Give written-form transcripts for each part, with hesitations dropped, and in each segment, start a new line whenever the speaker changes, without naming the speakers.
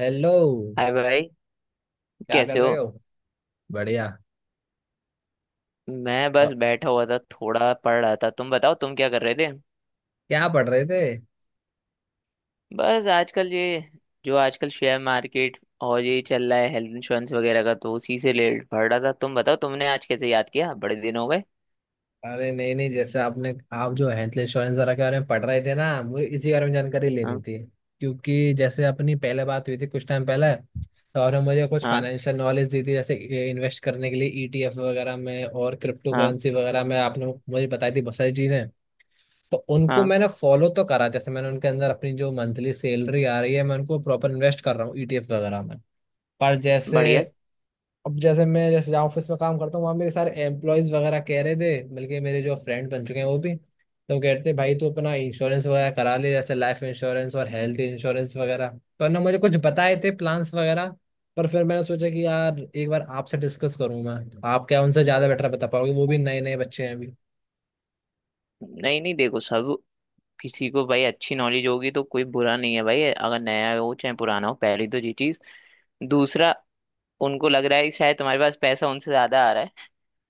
Hello.
Hi भाई।
क्या कर
कैसे हो?
रहे हो? बढ़िया।
मैं
अ,
बस बैठा हुआ था, थोड़ा पढ़ रहा था। तुम बताओ तुम क्या कर रहे थे?
क्या पढ़ रहे थे?
बस आजकल ये जो आजकल शेयर मार्केट और ये चल रहा है, हेल्थ इंश्योरेंस वगैरह का, तो उसी से रिलेटेड पढ़ रहा था। तुम बताओ तुमने आज कैसे याद किया, बड़े दिन हो गए।
अरे, नहीं नहीं, जैसे आपने आप जो हेल्थ इंश्योरेंस वगैरह के बारे में पढ़ रहे थे ना, मुझे इसी बारे में जानकारी लेनी
हाँ।
थी। क्योंकि जैसे अपनी पहले बात हुई थी कुछ टाइम पहले, तो आपने मुझे कुछ
हाँ।
फाइनेंशियल नॉलेज दी थी, जैसे इन्वेस्ट करने के लिए ईटीएफ वगैरह में और क्रिप्टो
हाँ।
करेंसी वगैरह में, आपने मुझे बताई थी बहुत सारी चीज़ें। तो उनको
हाँ।
मैंने फॉलो तो करा, जैसे मैंने उनके अंदर अपनी जो मंथली सैलरी आ रही है, मैं उनको प्रॉपर इन्वेस्ट कर रहा हूँ ईटीएफ वगैरह में। पर जैसे
बढ़िया।
अब, जैसे मैं, जैसे जहाँ ऑफिस में काम करता हूँ, वहाँ मेरे सारे एम्प्लॉयज वगैरह कह रहे थे, बल्कि मेरे जो फ्रेंड बन चुके हैं वो भी तो कह रहे थे, भाई तू अपना इंश्योरेंस वगैरह करा ले, जैसे लाइफ इंश्योरेंस और हेल्थ इंश्योरेंस वगैरह, तो ना मुझे कुछ बताए थे प्लान्स वगैरह। पर फिर मैंने सोचा कि यार, एक बार आपसे डिस्कस करूँ मैं, तो आप क्या उनसे ज्यादा बेटर बता पाओगे, वो भी नए नए बच्चे हैं।
नहीं नहीं, देखो, सब किसी को भाई अच्छी नॉलेज होगी तो कोई बुरा नहीं है भाई, अगर नया हो चाहे पुराना हो। पहली तो ये चीज। दूसरा, उनको लग रहा है कि शायद तुम्हारे पास पैसा उनसे ज्यादा आ रहा है,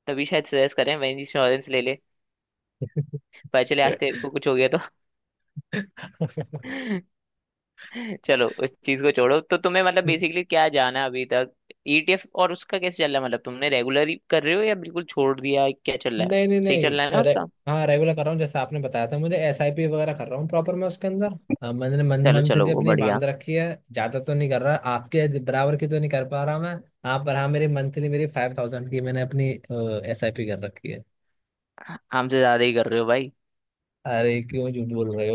तभी शायद सजेस्ट करें वही इंश्योरेंस ले ले। पता चले
अभी।
आज तेरे को कुछ हो गया तो। चलो उस चीज को छोड़ो। तो तुम्हें मतलब बेसिकली क्या जाना है अभी तक? ईटीएफ और उसका कैसे चल रहा है, मतलब तुमने रेगुलर ही कर रहे हो या बिल्कुल छोड़ दिया है? क्या चल रहा है,
नहीं नहीं
सही चल रहा है ना
नहीं रे।
उसका?
हाँ, रेगुलर कर रहा हूँ, जैसे आपने बताया था मुझे, एस आई पी वगैरह कर रहा हूँ प्रॉपर मैं उसके अंदर। मैंने मन
चलो चलो,
मंथली
वो
अपनी
बढ़िया।
बांध रखी है, ज्यादा तो नहीं कर रहा, आपके बराबर की तो नहीं कर पा रहा मैं। हाँ, पर हाँ मेरी मंथली, मेरी 5000 की मैंने अपनी एस आई पी कर रखी है।
हमसे ज्यादा ही कर रहे हो भाई।
अरे क्यों झूठ बोल रहे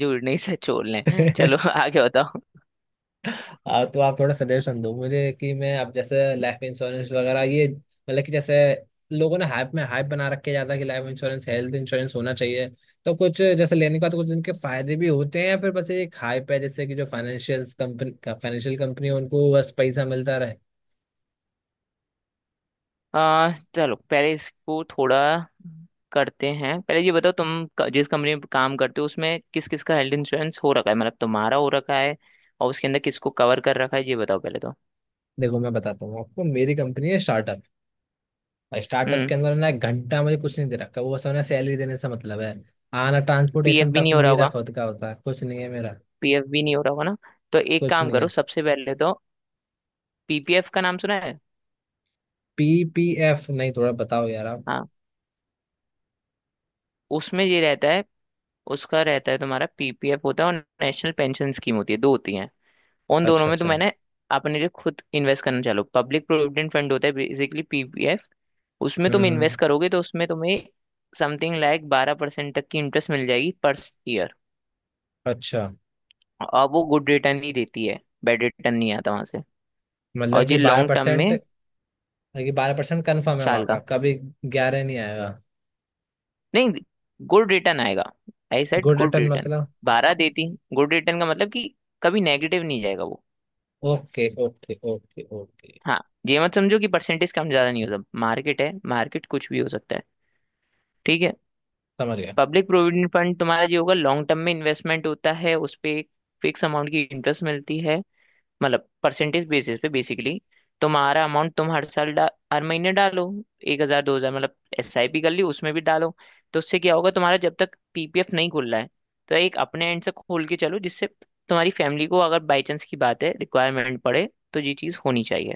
जुड़ने से छोड़ लें।
हो।
चलो आगे बताओ।
तो आप थोड़ा सजेशन दो मुझे कि मैं अब, जैसे लाइफ इंश्योरेंस वगैरह, ये मतलब कि जैसे लोगों ने हाइप में हाइप बना रखे ज्यादा, कि लाइफ इंश्योरेंस, हेल्थ इंश्योरेंस होना चाहिए, तो कुछ जैसे लेने के बाद कुछ इनके फायदे भी होते हैं, या फिर बस ये एक हाइप है, जैसे कि जो फाइनेंशियल कंपनी, फाइनेंशियल कंपनी है उनको बस पैसा मिलता रहे।
चलो पहले इसको थोड़ा करते हैं। पहले ये बताओ तुम जिस कंपनी में काम करते हो उसमें किस किस का हेल्थ इंश्योरेंस हो रखा है, मतलब तुम्हारा हो रखा है और उसके अंदर किसको कवर कर रखा है, ये बताओ पहले तो।
देखो, मैं बताता हूँ आपको, मेरी कंपनी है स्टार्टअप, और स्टार्टअप
हम्म।
के अंदर ना, एक घंटा मुझे कुछ नहीं दे रखा, वो सब ना सैलरी देने से मतलब है, आना
पीएफ
ट्रांसपोर्टेशन
भी
तक
नहीं हो रहा
मेरा
होगा।
खुद का होता है, कुछ नहीं है मेरा।
पीएफ भी नहीं हो रहा होगा ना। तो एक
कुछ
काम
नहीं
करो,
है।
सबसे पहले तो पीपीएफ का नाम सुना है?
P P F? नहीं, थोड़ा बताओ यार आप।
हाँ। उसमें ये रहता है। उसका रहता है, तुम्हारा पीपीएफ होता है और नेशनल पेंशन स्कीम होती है, दो होती हैं। उन दोनों
अच्छा
में तो
अच्छा।
मैंने अपने लिए खुद इन्वेस्ट करना चालू। पब्लिक प्रोविडेंट फंड होता है बेसिकली पीपीएफ। उसमें तुम
हम्म।
इन्वेस्ट करोगे तो उसमें तुम्हें समथिंग लाइक 12% तक की इंटरेस्ट मिल जाएगी पर ईयर।
अच्छा,
और वो गुड रिटर्न ही देती है, बैड रिटर्न नहीं आता वहां से।
मतलब
और ये
कि बारह
लॉन्ग टर्म
परसेंट
में।
कि 12% कन्फर्म है
साल
वहाँ का,
का।
कभी 11 नहीं आएगा?
नहीं। गुड रिटर्न आएगा। I said
good
good
return
return.
मतलब?
बारह देती। गुड रिटर्न का मतलब कि कभी नेगेटिव नहीं जाएगा वो।
ओके ओके ओके ओके,
हाँ। ये मत समझो कि परसेंटेज कम ज्यादा नहीं होता, मार्केट है, मार्केट कुछ भी हो सकता है। ठीक है।
समझ गया।
पब्लिक प्रोविडेंट फंड तुम्हारा जो होगा, लॉन्ग टर्म में इन्वेस्टमेंट होता है, उस पे एक फिक्स अमाउंट की इंटरेस्ट मिलती है, मतलब परसेंटेज बेसिस पे बेसिकली। तुम्हारा अमाउंट तुम हर साल हर महीने डालो, 1,000 2,000, मतलब एस आई पी कर ली उसमें भी डालो। तो उससे क्या होगा, तुम्हारा जब तक पीपीएफ नहीं खुल रहा है तो एक अपने एंड से खोल के चलो, जिससे तुम्हारी फैमिली को अगर बाई चांस की बात है रिक्वायरमेंट पड़े तो ये चीज़ होनी चाहिए,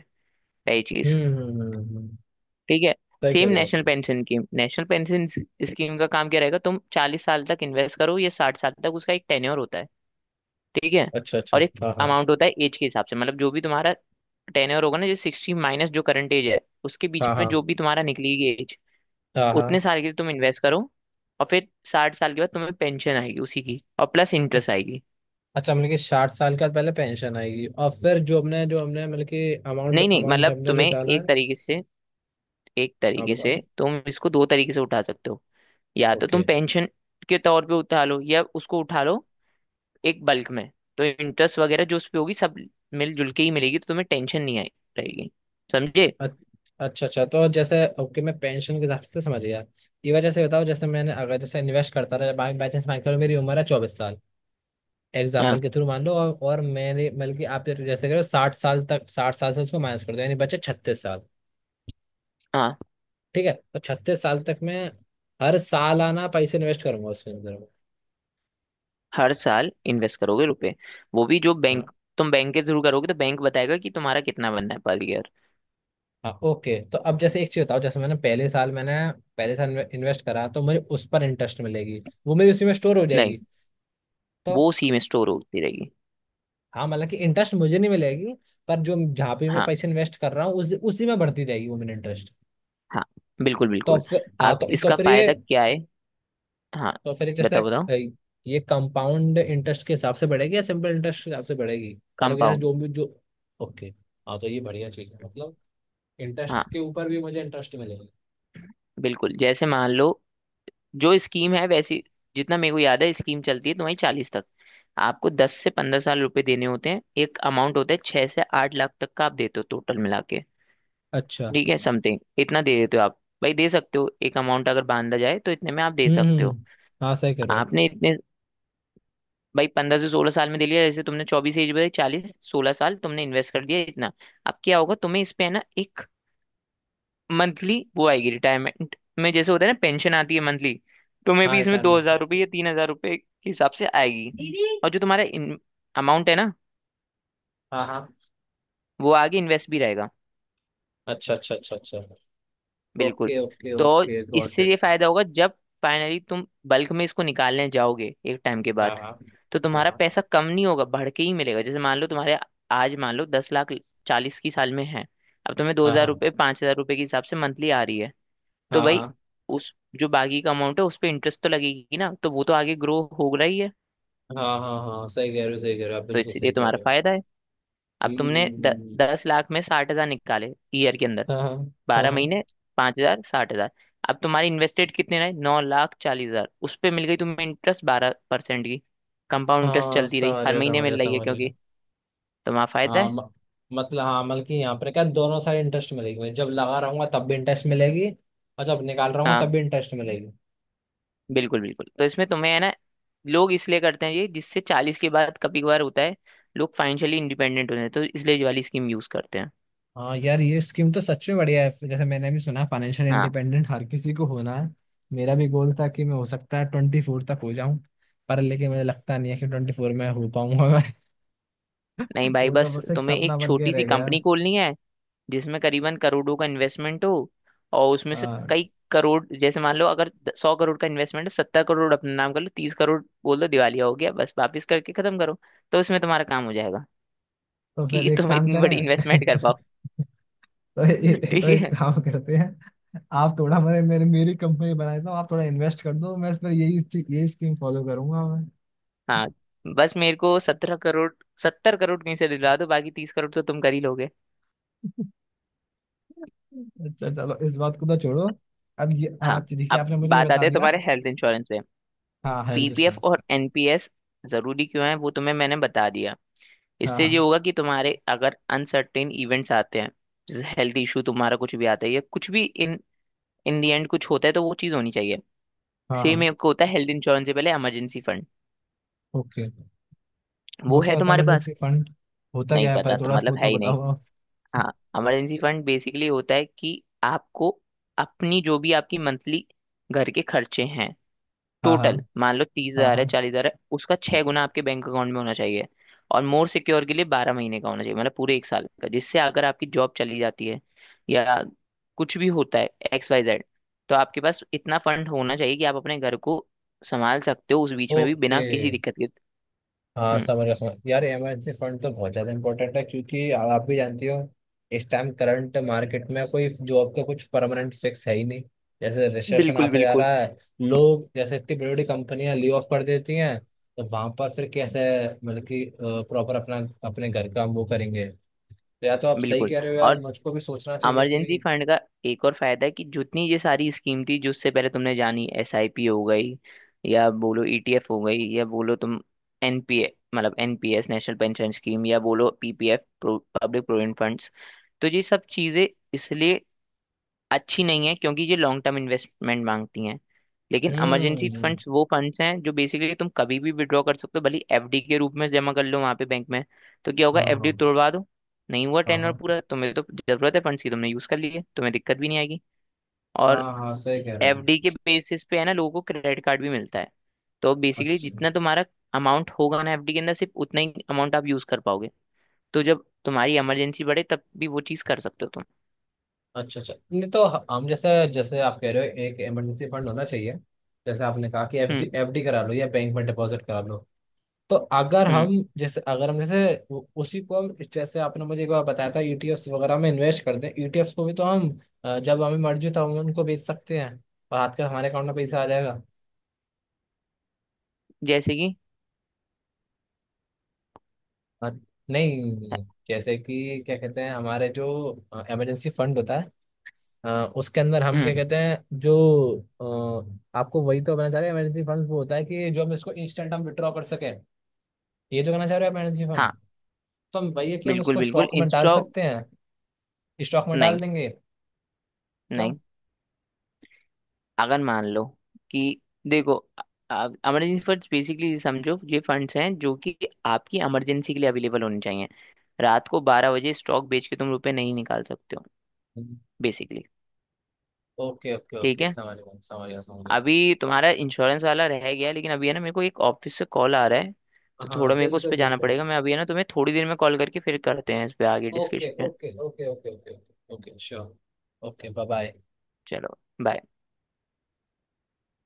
पहली चीज़।
हम्म।
ठीक है।
सही कह
सेम
रहे हो आप।
National pension scheme. National pension scheme का काम क्या रहेगा, तुम 40 साल तक इन्वेस्ट करो या 60 साल तक, उसका एक टेन्योर होता है। ठीक है।
अच्छा अच्छा।
और एक
हाँ हाँ।
अमाउंट होता है एज के हिसाब से, मतलब जो भी तुम्हारा टेन्योर होगा ना, जैसे सिक्सटी माइनस जो करंट एज है, उसके बीच
हाँ
में जो
हाँ।
भी तुम्हारा निकलेगी एज,
हाँ हाँ।
उतने साल के लिए तुम इन्वेस्ट करो। और फिर 60 साल के बाद तुम्हें पेंशन आएगी उसी की, और प्लस इंटरेस्ट आएगी।
अच्छा, मतलब कि 60 साल के बाद पहले पेंशन आएगी, और फिर जो हमने मतलब कि अमाउंट,
नहीं नहीं,
अमाउंट
मतलब
हमने जो
तुम्हें
डाला
एक
है।
तरीके से, एक
हाँ
तरीके
बताओ।
से तुम इसको दो तरीके से उठा सकते हो। या तो
ओके।
तुम पेंशन के तौर पे उठा लो, या उसको उठा लो एक बल्क में। तो इंटरेस्ट वगैरह जो उस पे होगी सब मिलजुल के ही मिलेगी, तो तुम्हें टेंशन नहीं आई रहेगी। समझे?
अच- अच्छा अच्छा, तो जैसे ओके, मैं पेंशन के हिसाब से तो समझ गया। ये वजह से बताओ, जैसे मैंने अगर, जैसे इन्वेस्ट करता रहा बाई चांस, मान के चलो मेरी उम्र है 24 साल, एग्जाम्पल
हाँ।
के थ्रू मान लो, और मेरे, बल्कि आप जैसे करो, 60 साल तक, 60 साल से उसको माइनस कर दो, यानी बचे 36 साल।
हाँ।
ठीक है, तो 36 साल तक मैं हर साल आना पैसे इन्वेस्ट करूंगा उसके अंदर।
हर साल इन्वेस्ट करोगे रुपए, वो भी जो
हाँ
बैंक, तुम बैंक के थ्रू करोगे तो बैंक बताएगा कि तुम्हारा कितना बनना है पर ईयर।
हाँ। ओके, तो अब जैसे एक चीज बताओ, जैसे मैंने पहले साल, मैंने पहले साल इन्वेस्ट करा, तो मुझे उस पर इंटरेस्ट मिलेगी, वो मेरी उसी में स्टोर हो
नहीं,
जाएगी। तो।
वो उसी में स्टोर होती रहेगी।
हाँ, मतलब कि इंटरेस्ट मुझे नहीं मिलेगी, पर जो, जहाँ पे मैं
हाँ।
पैसे इन्वेस्ट कर रहा हूँ उस उसी में बढ़ती जाएगी वो मेरा इंटरेस्ट।
हाँ। बिल्कुल
तो
बिल्कुल।
फिर हाँ
अब
तो
इसका
फिर ये।
फायदा क्या है। हाँ,
तो फिर जैसे
बताओ बताओ।
ये कंपाउंड इंटरेस्ट के हिसाब से बढ़ेगी या सिंपल इंटरेस्ट के हिसाब से बढ़ेगी? मतलब कि जैसे
कंपाउंड।
जो भी जो। ओके। हाँ, तो ये बढ़िया चीज़ है, मतलब इंटरेस्ट
हाँ
के ऊपर भी मुझे इंटरेस्ट मिलेगा।
बिल्कुल, जैसे मान लो जो स्कीम है वैसी, जितना मेरे को याद है स्कीम चलती है तुम्हारी चालीस तक। आपको 10 से 15 साल रुपए देने होते हैं, एक अमाउंट होता है 6 से 8 लाख तक का आप देते हो टोटल मिला के।
अच्छा।
ठीक है समथिंग इतना दे देते हो आप भाई, दे सकते हो, एक अमाउंट अगर बांधा जाए तो इतने में आप दे सकते हो।
हम्म। हाँ, सही कह रहे हो आप।
आपने इतने भाई 15 से 16 साल में दे लिया, जैसे तुमने 24 एज बताई, 40, 16 साल तुमने इन्वेस्ट कर दिया इतना। अब क्या होगा, तुम्हें इस पे है ना एक मंथली वो आएगी रिटायरमेंट में, जैसे होता है ना पेंशन आती है मंथली, तुम्हें
हाँ,
भी इसमें 2,000 रुपये
रिटायरमेंट।
या 3,000 रुपये के हिसाब से आएगी।
दीदी।
और जो तुम्हारा अमाउंट है ना,
हाँ हाँ।
वो आगे इन्वेस्ट भी रहेगा।
अच्छा अच्छा अच्छा अच्छा।
बिल्कुल।
ओके ओके
तो
ओके, गॉट
इससे ये
इट।
फायदा होगा जब फाइनली तुम बल्क में इसको निकालने जाओगे एक टाइम के
हाँ
बाद,
हाँ
तो
हाँ
तुम्हारा
हाँ
पैसा कम नहीं होगा, बढ़ के ही मिलेगा। जैसे मान लो तुम्हारे आज मान लो 10 लाख, चालीस की साल में है। अब तुम्हें दो
हाँ।
हजार
हाँ
रुपये 5,000 रुपये के हिसाब से मंथली आ रही है, तो
हाँ।
भाई
हाँ
उस जो बाकी का अमाउंट है उस पर इंटरेस्ट तो लगेगी ना, तो वो तो आगे ग्रो हो रही है,
हाँ हाँ। हाँ, सही कह रहे हो, सही कह रहे हो आप,
तो
बिल्कुल
इसलिए
सही कह
तुम्हारा
रहे हो।
फायदा है। अब तुमने
हम्म
10 लाख में 60,000 निकाले ईयर के अंदर,
हम्म हम्म। हाँ हाँ
बारह
हाँ।
महीने 5,000, 60,000। अब तुम्हारे इन्वेस्टेड कितने रहे, 9,40,000, उस पे मिल गई तुम्हें इंटरेस्ट 12% की, कंपाउंड इंटरेस्ट
हाँ,
चलती रही
समझ
हर
गया
महीने
समझ गया
मिल रही है
समझ गया।
क्योंकि तुम्हारा फायदा
हाँ,
है।
मतलब, हाँ मतलब कि यहाँ पर क्या दोनों साइड इंटरेस्ट मिलेगी? मैं जब लगा रहूंगा तब भी इंटरेस्ट मिलेगी, और जब निकाल रहा हूँ तब
हाँ
भी इंटरेस्ट मिलेगी।
बिल्कुल बिल्कुल, तो इसमें तुम्हें है ना लोग इसलिए करते हैं ये, जिससे 40 के बाद कभी कभार होता है लोग फाइनेंशियली इंडिपेंडेंट होते हैं, तो इसलिए ये वाली स्कीम यूज करते हैं।
हाँ यार, ये स्कीम तो सच में बढ़िया है, जैसे मैंने भी सुना, फाइनेंशियल
हाँ।
इंडिपेंडेंट हर किसी को होना है। मेरा भी गोल था कि मैं हो सकता है 24 तक हो जाऊं, पर लेकिन मुझे लगता नहीं है कि 24 में हो पाऊंगा मैं।
नहीं भाई,
वो तो
बस
बस एक
तुम्हें
सपना
एक
बन के
छोटी
रह
सी
गया है।
कंपनी खोलनी है जिसमें करीबन करोड़ों का इन्वेस्टमेंट हो, और उसमें से
हाँ,
कई करोड़, जैसे मान लो अगर 100 करोड़ का इन्वेस्टमेंट है, 70 करोड़ अपने नाम कर लो, 30 करोड़ बोल दो दिवालिया हो गया, बस वापस करके खत्म करो, तो उसमें तुम्हारा काम हो जाएगा
तो
कि
फिर एक
तुम
काम
इतनी
करें।
बड़ी इन्वेस्टमेंट कर पाओ।
तो
ठीक
एक
है।
काम करते हैं, आप थोड़ा मेरे मेरे मेरी कंपनी बना देता हूँ, आप थोड़ा इन्वेस्ट कर दो, मैं इस पर यही, स्कीम फॉलो करूंगा मैं।
हाँ। बस मेरे को 17 करोड़, 70 करोड़ कहीं से दिला दो, बाकी 30 करोड़ तो तुम कर ही लोगे।
अच्छा चलो, इस बात को तो छोड़ो। अब ये
हाँ।
हाँ, ठीक है,
अब
आपने मुझे ये
बात
बता
आते हैं
दिया।
तुम्हारे हेल्थ इंश्योरेंस पे।
हाँ, हेल्थ
पीपीएफ
इंश्योरेंस
और
का।
एनपीएस जरूरी क्यों है वो तुम्हें मैंने बता दिया।
हाँ
इससे ये
हाँ
होगा कि तुम्हारे अगर अनसर्टेन इवेंट्स आते हैं जैसे हेल्थ इशू, तुम्हारा कुछ भी आता है या कुछ भी इन इन दी एंड कुछ होता है, तो वो चीज़ होनी चाहिए।
हाँ
सेम
हाँ।
एक होता है हेल्थ इंश्योरेंस से पहले इमरजेंसी फंड।
ओके।
वो
वो क्या
है
होता है
तुम्हारे पास?
Emergency fund? होता
नहीं
क्या है
पता
पर,
तो
थोड़ा
मतलब
वो
है
तो
ही नहीं।
बताओ आप।
हाँ। इमरजेंसी फंड बेसिकली होता है कि आपको अपनी जो भी आपकी मंथली घर के खर्चे हैं,
हाँ हाँ
टोटल मान लो तीस
हाँ
हजार है
हाँ।
40 हजार है, उसका 6 गुना आपके बैंक अकाउंट में होना चाहिए। और मोर सिक्योर के लिए 12 महीने का होना चाहिए, मतलब पूरे एक साल का, जिससे अगर आपकी जॉब चली जाती है या कुछ भी होता है एक्स वाई जेड, तो आपके पास इतना फंड होना चाहिए कि आप अपने घर को संभाल सकते हो उस बीच में भी
ओके।
बिना किसी दिक्कत के।
हाँ,
हम्म।
समझ गया, समझ, यार इमरजेंसी फंड तो बहुत ज्यादा इंपॉर्टेंट है, क्योंकि आप भी जानती हो, इस टाइम करंट मार्केट में कोई जॉब का कुछ परमानेंट फिक्स है ही नहीं, जैसे रिसेशन
बिल्कुल
आता जा
बिल्कुल।
रहा है। लोग, जैसे इतनी बड़ी बड़ी कंपनियां ले ऑफ कर देती हैं, तो वहां पर फिर कैसे, मतलब कि प्रॉपर अपना, अपने घर का हम वो करेंगे। तो या तो आप सही
बिल्कुल।
कह रहे हो यार,
और
मुझको भी सोचना चाहिए
इमरजेंसी
कि।
फंड का एक और फायदा है कि जितनी ये सारी स्कीम थी जिससे पहले तुमने जानी, एसआईपी हो गई या बोलो ईटीएफ हो गई या बोलो तुम एनपीए मतलब एनपीएस नेशनल पेंशन स्कीम या बोलो पीपीएफ पब्लिक प्रोविडेंट फंड्स, तो ये सब चीजें इसलिए अच्छी नहीं है क्योंकि ये लॉन्ग टर्म इन्वेस्टमेंट मांगती हैं। लेकिन इमरजेंसी
हम्म।
फंड्स वो फंड्स हैं जो बेसिकली तुम कभी भी विड्रॉ कर सकते हो, भले एफडी के रूप में जमा कर लो वहां पे बैंक में। तो क्या होगा,
हाँ हाँ
एफडी तोड़वा दो, नहीं हुआ
हाँ
टेनर
हाँ
पूरा तुम्हें तो, जरूरत है फंड्स की तुमने यूज कर लिए, तुम्हें दिक्कत भी नहीं आएगी। और
हाँ हाँ, सही कह रहे हो।
एफडी के बेसिस पे है ना लोगों को क्रेडिट कार्ड भी मिलता है। तो बेसिकली
अच्छा
जितना तुम्हारा अमाउंट होगा ना एफडी के अंदर, सिर्फ उतना ही अमाउंट आप यूज कर पाओगे। तो जब तुम्हारी इमरजेंसी बढ़े तब भी वो चीज कर सकते हो तुम।
अच्छा अच्छा, नहीं तो, हम जैसे, जैसे आप कह रहे हो, एक इमरजेंसी फंड होना चाहिए, जैसे आपने कहा कि
हम्म।
एफडी, एफडी करा लो या बैंक में डिपॉजिट करा लो, तो अगर
हम्म,
हम, जैसे अगर हम जैसे उसी को, हम जैसे, आपने मुझे एक बार बताया था ईटीएफ्स वगैरह में इन्वेस्ट कर दें, ईटीएफ्स को भी तो हम जब हमें मर्जी तो हम उनको बेच सकते हैं, और हाथ कर हमारे अकाउंट में पैसा आ जाएगा।
जैसे कि
अ, नहीं जैसे कि क्या कहते हैं, हमारे जो इमरजेंसी फंड होता है, अ, उसके अंदर हम
हम्म,
क्या कहते हैं जो, आपको वही तो कहना चाह रहे हैं, इमरजेंसी फंड वो होता है कि जो हम इसको इंस्टेंट हम विड्रॉ कर सकें। ये जो कहना चाह रहे हो आप, इमरजेंसी फंड,
हाँ
तो हम वही है कि हम
बिल्कुल
इसको
बिल्कुल,
स्टॉक में डाल
इंस्टेड ऑफ।
सकते हैं, स्टॉक में डाल
नहीं
देंगे, क्यों?
नहीं, अगर मान लो कि देखो इमरजेंसी फंड्स बेसिकली समझो ये फंड्स हैं जो कि आपकी इमरजेंसी के लिए अवेलेबल होने चाहिए। रात को 12 बजे स्टॉक बेच के तुम रुपए नहीं निकाल सकते हो बेसिकली।
ओके ओके
ठीक
ओके,
है।
समझ गया समझ गया समझ गया।
अभी तुम्हारा इंश्योरेंस वाला रह गया, लेकिन अभी है ना मेरे को एक ऑफिस से कॉल आ रहा है, तो
हाँ,
थोड़ा मेरे को उस
बिल्कुल
पर जाना
बिल्कुल।
पड़ेगा। मैं अभी है ना तुम्हें थोड़ी देर में कॉल करके फिर करते हैं इस पे आगे
okay
discussion.
Okay okay okay okay. Okay sure. Okay, bye bye.
चलो। बाय।